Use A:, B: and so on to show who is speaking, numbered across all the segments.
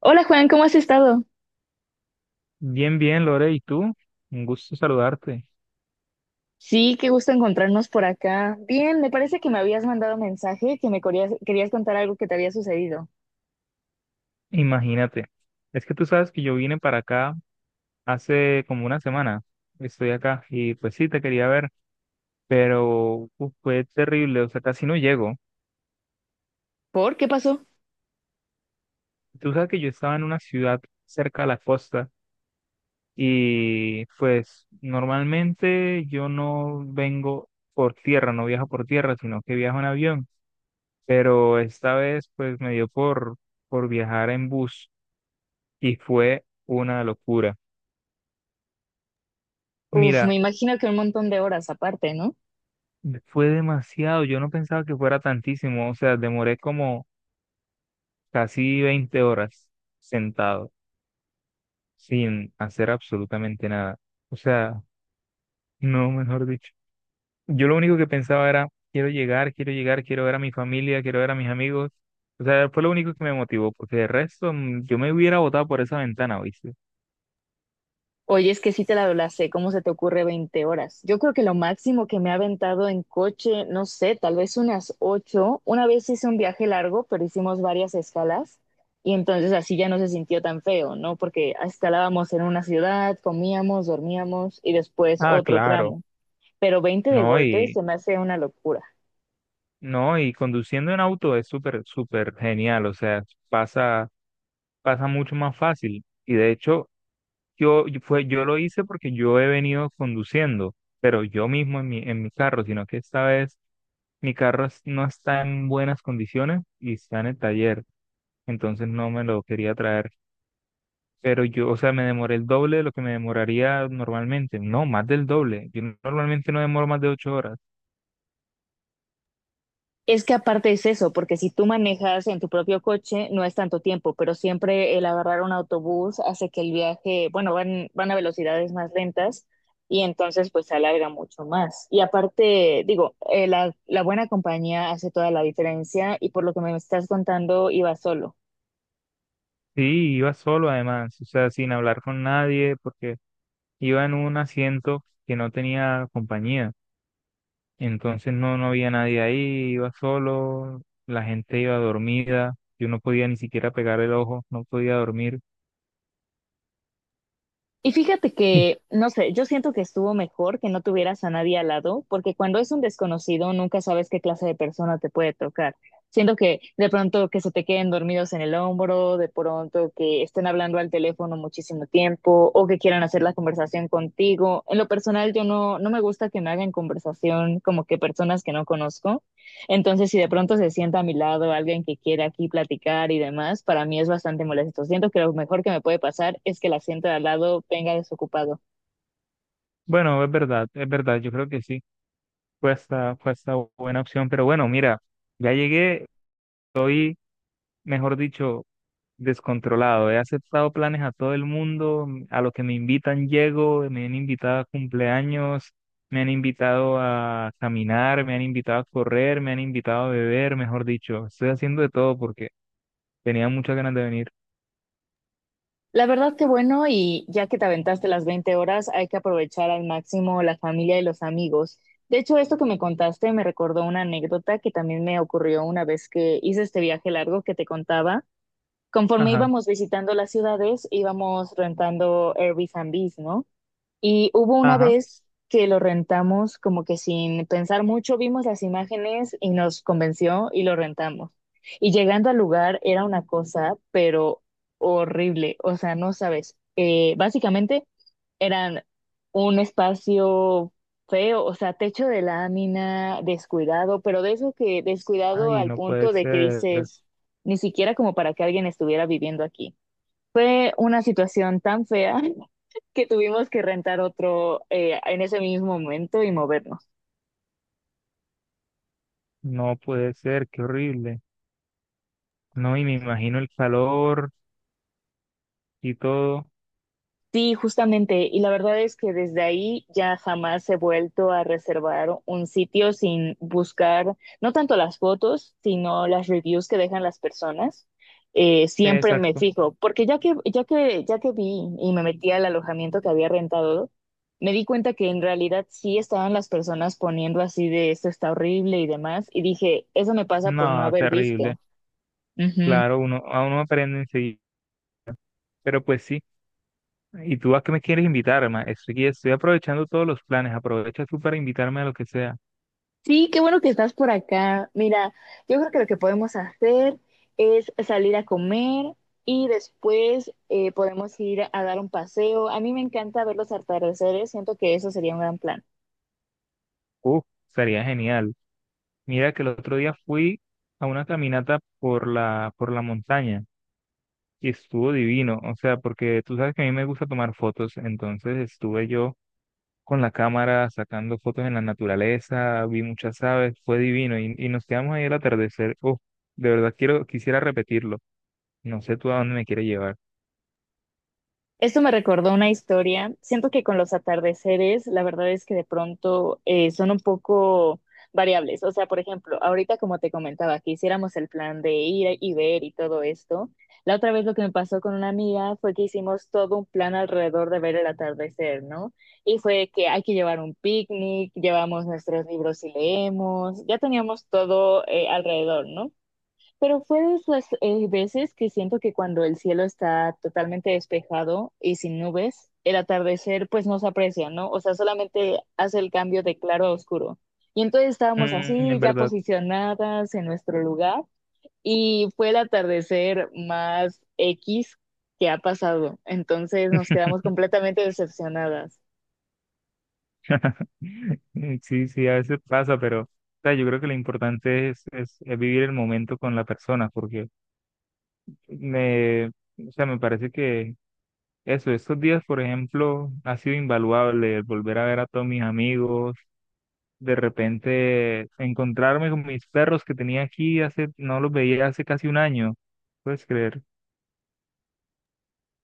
A: Hola Juan, ¿cómo has estado?
B: Bien, bien, Lore, ¿y tú? Un gusto saludarte.
A: Sí, qué gusto encontrarnos por acá. Bien, me parece que me habías mandado mensaje que me querías contar algo que te había sucedido.
B: Imagínate, es que tú sabes que yo vine para acá hace como una semana, estoy acá y pues sí, te quería ver, pero uf, fue terrible, o sea, casi no llego.
A: ¿Por qué pasó?
B: Tú sabes que yo estaba en una ciudad cerca a la costa y pues normalmente yo no vengo por tierra, no viajo por tierra, sino que viajo en avión, pero esta vez pues me dio por viajar en bus y fue una locura.
A: Uf, me
B: Mira,
A: imagino que un montón de horas aparte, ¿no?
B: fue demasiado, yo no pensaba que fuera tantísimo, o sea, demoré como casi 20 horas sentado sin hacer absolutamente nada. O sea, no, mejor dicho. Yo lo único que pensaba era: quiero llegar, quiero llegar, quiero ver a mi familia, quiero ver a mis amigos. O sea, fue lo único que me motivó, porque de resto yo me hubiera botado por esa ventana, ¿viste?
A: Oye, es que sí te la doblacé, ¿cómo se te ocurre 20 horas? Yo creo que lo máximo que me ha aventado en coche, no sé, tal vez unas 8. Una vez hice un viaje largo, pero hicimos varias escalas y entonces así ya no se sintió tan feo, ¿no? Porque escalábamos en una ciudad, comíamos, dormíamos y después
B: Ah,
A: otro
B: claro.
A: tramo. Pero 20 de
B: No,
A: golpe
B: y
A: se me hace una locura.
B: no, y conduciendo en auto es súper, súper genial, o sea, pasa pasa mucho más fácil. Y de hecho, yo lo hice porque yo he venido conduciendo, pero yo mismo en mi carro, sino que esta vez mi carro no está en buenas condiciones y está en el taller, entonces no me lo quería traer. Pero yo, o sea, me demoré el doble de lo que me demoraría normalmente, no, más del doble. Yo normalmente no demoro más de 8 horas.
A: Es que aparte es eso, porque si tú manejas en tu propio coche no es tanto tiempo, pero siempre el agarrar un autobús hace que el viaje, bueno, van, van a velocidades más lentas y entonces pues se alarga mucho más. Y aparte, digo, la buena compañía hace toda la diferencia y por lo que me estás contando iba solo.
B: Sí, iba solo además, o sea, sin hablar con nadie, porque iba en un asiento que no tenía compañía. Entonces no había nadie ahí, iba solo, la gente iba dormida, yo no podía ni siquiera pegar el ojo, no podía dormir.
A: Y fíjate que, no sé, yo siento que estuvo mejor que no tuvieras a nadie al lado, porque cuando es un desconocido nunca sabes qué clase de persona te puede tocar. Siento que de pronto que se te queden dormidos en el hombro, de pronto que estén hablando al teléfono muchísimo tiempo o que quieran hacer la conversación contigo. En lo personal, yo no me gusta que me hagan conversación como que personas que no conozco. Entonces, si de pronto se sienta a mi lado alguien que quiere aquí platicar y demás, para mí es bastante molesto. Siento que lo mejor que me puede pasar es que el asiento de al lado venga desocupado.
B: Bueno, es verdad, yo creo que sí, fue hasta buena opción, pero bueno, mira, ya llegué, estoy, mejor dicho, descontrolado, he aceptado planes a todo el mundo, a lo que me invitan llego, me han invitado a cumpleaños, me han invitado a caminar, me han invitado a correr, me han invitado a beber, mejor dicho, estoy haciendo de todo porque... Tenía muchas ganas de venir.
A: La verdad que bueno, y ya que te aventaste las 20 horas, hay que aprovechar al máximo la familia y los amigos. De hecho, esto que me contaste me recordó una anécdota que también me ocurrió una vez que hice este viaje largo que te contaba. Conforme
B: Ajá,
A: íbamos visitando las ciudades, íbamos rentando Airbnb, ¿no? Y hubo una
B: ajá.
A: vez que lo rentamos como que sin pensar mucho, vimos las imágenes y nos convenció y lo rentamos. Y llegando al lugar era una cosa, pero horrible, o sea, no sabes. Básicamente eran un espacio feo, o sea, techo de lámina, descuidado, pero de eso que descuidado
B: Ay,
A: al
B: no puede
A: punto de que
B: ser,
A: dices, ni siquiera como para que alguien estuviera viviendo aquí. Fue una situación tan fea que tuvimos que rentar otro en ese mismo momento y movernos.
B: no puede ser, qué horrible. No, y me imagino el calor y todo.
A: Sí, justamente. Y la verdad es que desde ahí ya jamás he vuelto a reservar un sitio sin buscar, no tanto las fotos, sino las reviews que dejan las personas. Siempre me
B: Exacto.
A: fijo, porque ya que vi y me metí al alojamiento que había rentado, me di cuenta que en realidad sí estaban las personas poniendo así de esto está horrible y demás, y dije, eso me pasa por no
B: No,
A: haber
B: terrible.
A: visto.
B: Claro, a uno aprende enseguida. Pero pues sí. ¿Y tú a qué me quieres invitar, ma? Estoy aprovechando todos los planes. Aprovecha tú para invitarme a lo que sea.
A: Sí, qué bueno que estás por acá. Mira, yo creo que lo que podemos hacer es salir a comer y después podemos ir a dar un paseo. A mí me encanta ver los atardeceres, siento que eso sería un gran plan.
B: Uf, sería genial. Mira que el otro día fui a una caminata por la montaña. Y estuvo divino, o sea, porque tú sabes que a mí me gusta tomar fotos, entonces estuve yo con la cámara sacando fotos en la naturaleza, vi muchas aves, fue divino y nos quedamos ahí al atardecer. Oh, de verdad quisiera repetirlo. No sé tú a dónde me quieres llevar.
A: Esto me recordó una historia. Siento que con los atardeceres, la verdad es que de pronto son un poco variables. O sea, por ejemplo, ahorita como te comentaba, que hiciéramos el plan de ir y ver y todo esto. La otra vez lo que me pasó con una amiga fue que hicimos todo un plan alrededor de ver el atardecer, ¿no? Y fue que hay que llevar un picnic, llevamos nuestros libros y leemos, ya teníamos todo alrededor, ¿no? Pero fue de esas veces que siento que cuando el cielo está totalmente despejado y sin nubes, el atardecer pues no se aprecia, ¿no? O sea, solamente hace el cambio de claro a oscuro. Y entonces estábamos así,
B: En
A: ya
B: verdad,
A: posicionadas en nuestro lugar, y fue el atardecer más X que ha pasado. Entonces nos quedamos completamente decepcionadas.
B: sí, sí, a veces pasa, pero o sea, yo creo que lo importante es vivir el momento con la persona, porque o sea, me parece que eso, estos días, por ejemplo, ha sido invaluable el volver a ver a todos mis amigos, de repente encontrarme con mis perros que tenía aquí hace, no los veía hace casi un año, puedes creer.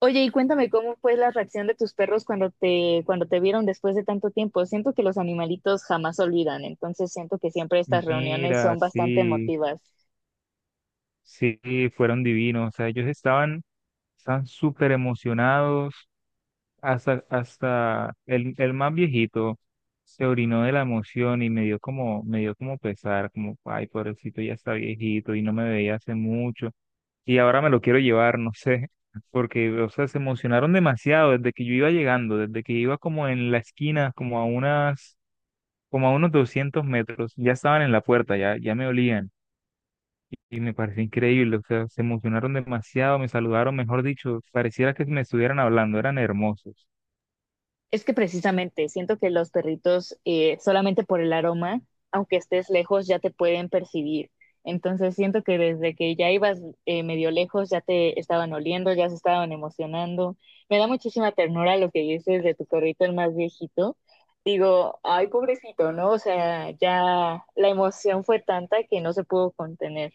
A: Oye, y cuéntame cómo fue la reacción de tus perros cuando te vieron después de tanto tiempo. Siento que los animalitos jamás olvidan, entonces siento que siempre estas reuniones
B: Mira,
A: son bastante
B: sí,
A: emotivas.
B: sí, fueron divinos, o sea, ellos estaban súper emocionados, hasta el más viejito se orinó de la emoción y me dio como pesar, como, ay, pobrecito, ya está viejito y no me veía hace mucho. Y ahora me lo quiero llevar, no sé, porque, o sea, se emocionaron demasiado desde que yo iba llegando, desde que iba como en la esquina, como a unos 200 metros, ya estaban en la puerta, ya me olían. Y me pareció increíble, o sea, se emocionaron demasiado, me saludaron, mejor dicho, pareciera que me estuvieran hablando, eran hermosos.
A: Es que precisamente siento que los perritos, solamente por el aroma, aunque estés lejos, ya te pueden percibir. Entonces siento que desde que ya ibas medio lejos, ya te estaban oliendo, ya se estaban emocionando. Me da muchísima ternura lo que dices de tu perrito, el más viejito. Digo, ay, pobrecito, ¿no? O sea, ya la emoción fue tanta que no se pudo contener.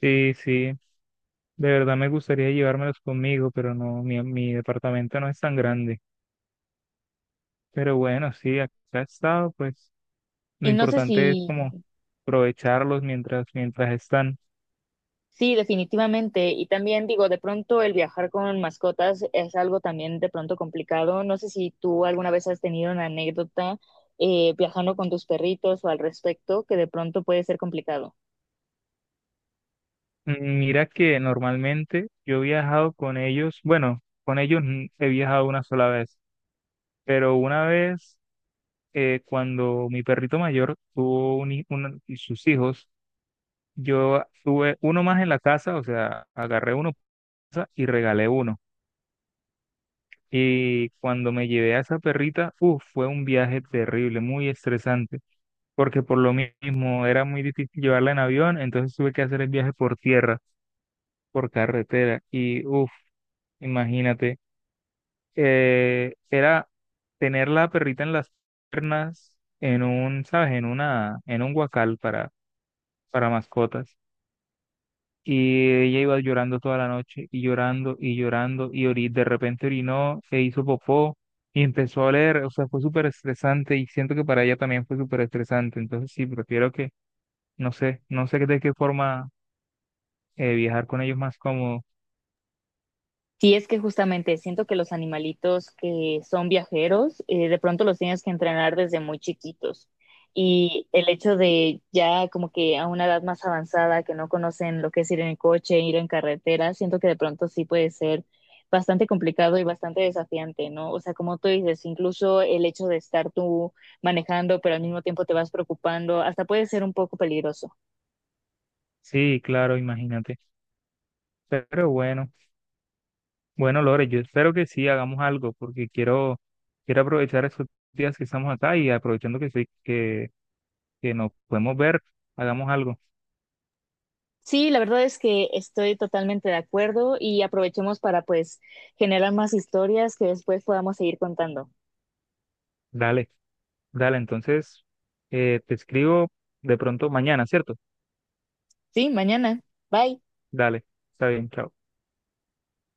B: Sí, sí, de verdad me gustaría llevármelos conmigo, pero no, mi departamento no es tan grande. Pero bueno, sí, acá he estado, pues lo
A: Y no sé
B: importante es
A: si
B: como aprovecharlos mientras están.
A: sí, definitivamente. Y también digo, de pronto el viajar con mascotas es algo también de pronto complicado. No sé si tú alguna vez has tenido una anécdota viajando con tus perritos o al respecto, que de pronto puede ser complicado.
B: Mira que normalmente yo he viajado con ellos, bueno, con ellos he viajado una sola vez, pero una vez cuando mi perrito mayor tuvo un, y sus hijos, yo tuve uno más en la casa, o sea, agarré uno y regalé uno. Y cuando me llevé a esa perrita, uf, fue un viaje terrible, muy estresante, porque por lo mismo era muy difícil llevarla en avión, entonces tuve que hacer el viaje por tierra, por carretera. Y uf, imagínate, era tener la perrita en las piernas, en un, ¿sabes? En un guacal para mascotas. Y ella iba llorando toda la noche y llorando y llorando y de repente orinó, se hizo popó y empezó a oler. O sea, fue súper estresante y siento que para ella también fue súper estresante. Entonces sí, prefiero que, no sé, no sé de qué forma viajar con ellos más cómodo.
A: Sí, es que justamente siento que los animalitos que son viajeros, de pronto los tienes que entrenar desde muy chiquitos. Y el hecho de ya como que a una edad más avanzada, que no conocen lo que es ir en el coche, ir en carretera, siento que de pronto sí puede ser bastante complicado y bastante desafiante, ¿no? O sea, como tú dices, incluso el hecho de estar tú manejando, pero al mismo tiempo te vas preocupando, hasta puede ser un poco peligroso.
B: Sí, claro, imagínate. Pero bueno, bueno, Lore, yo espero que sí hagamos algo porque quiero aprovechar estos días que estamos acá y aprovechando que nos podemos ver, hagamos algo.
A: Sí, la verdad es que estoy totalmente de acuerdo y aprovechemos para pues generar más historias que después podamos seguir contando.
B: Dale. Dale, entonces te escribo de pronto mañana, ¿cierto?
A: Sí, mañana. Bye.
B: Dale, está bien, chao.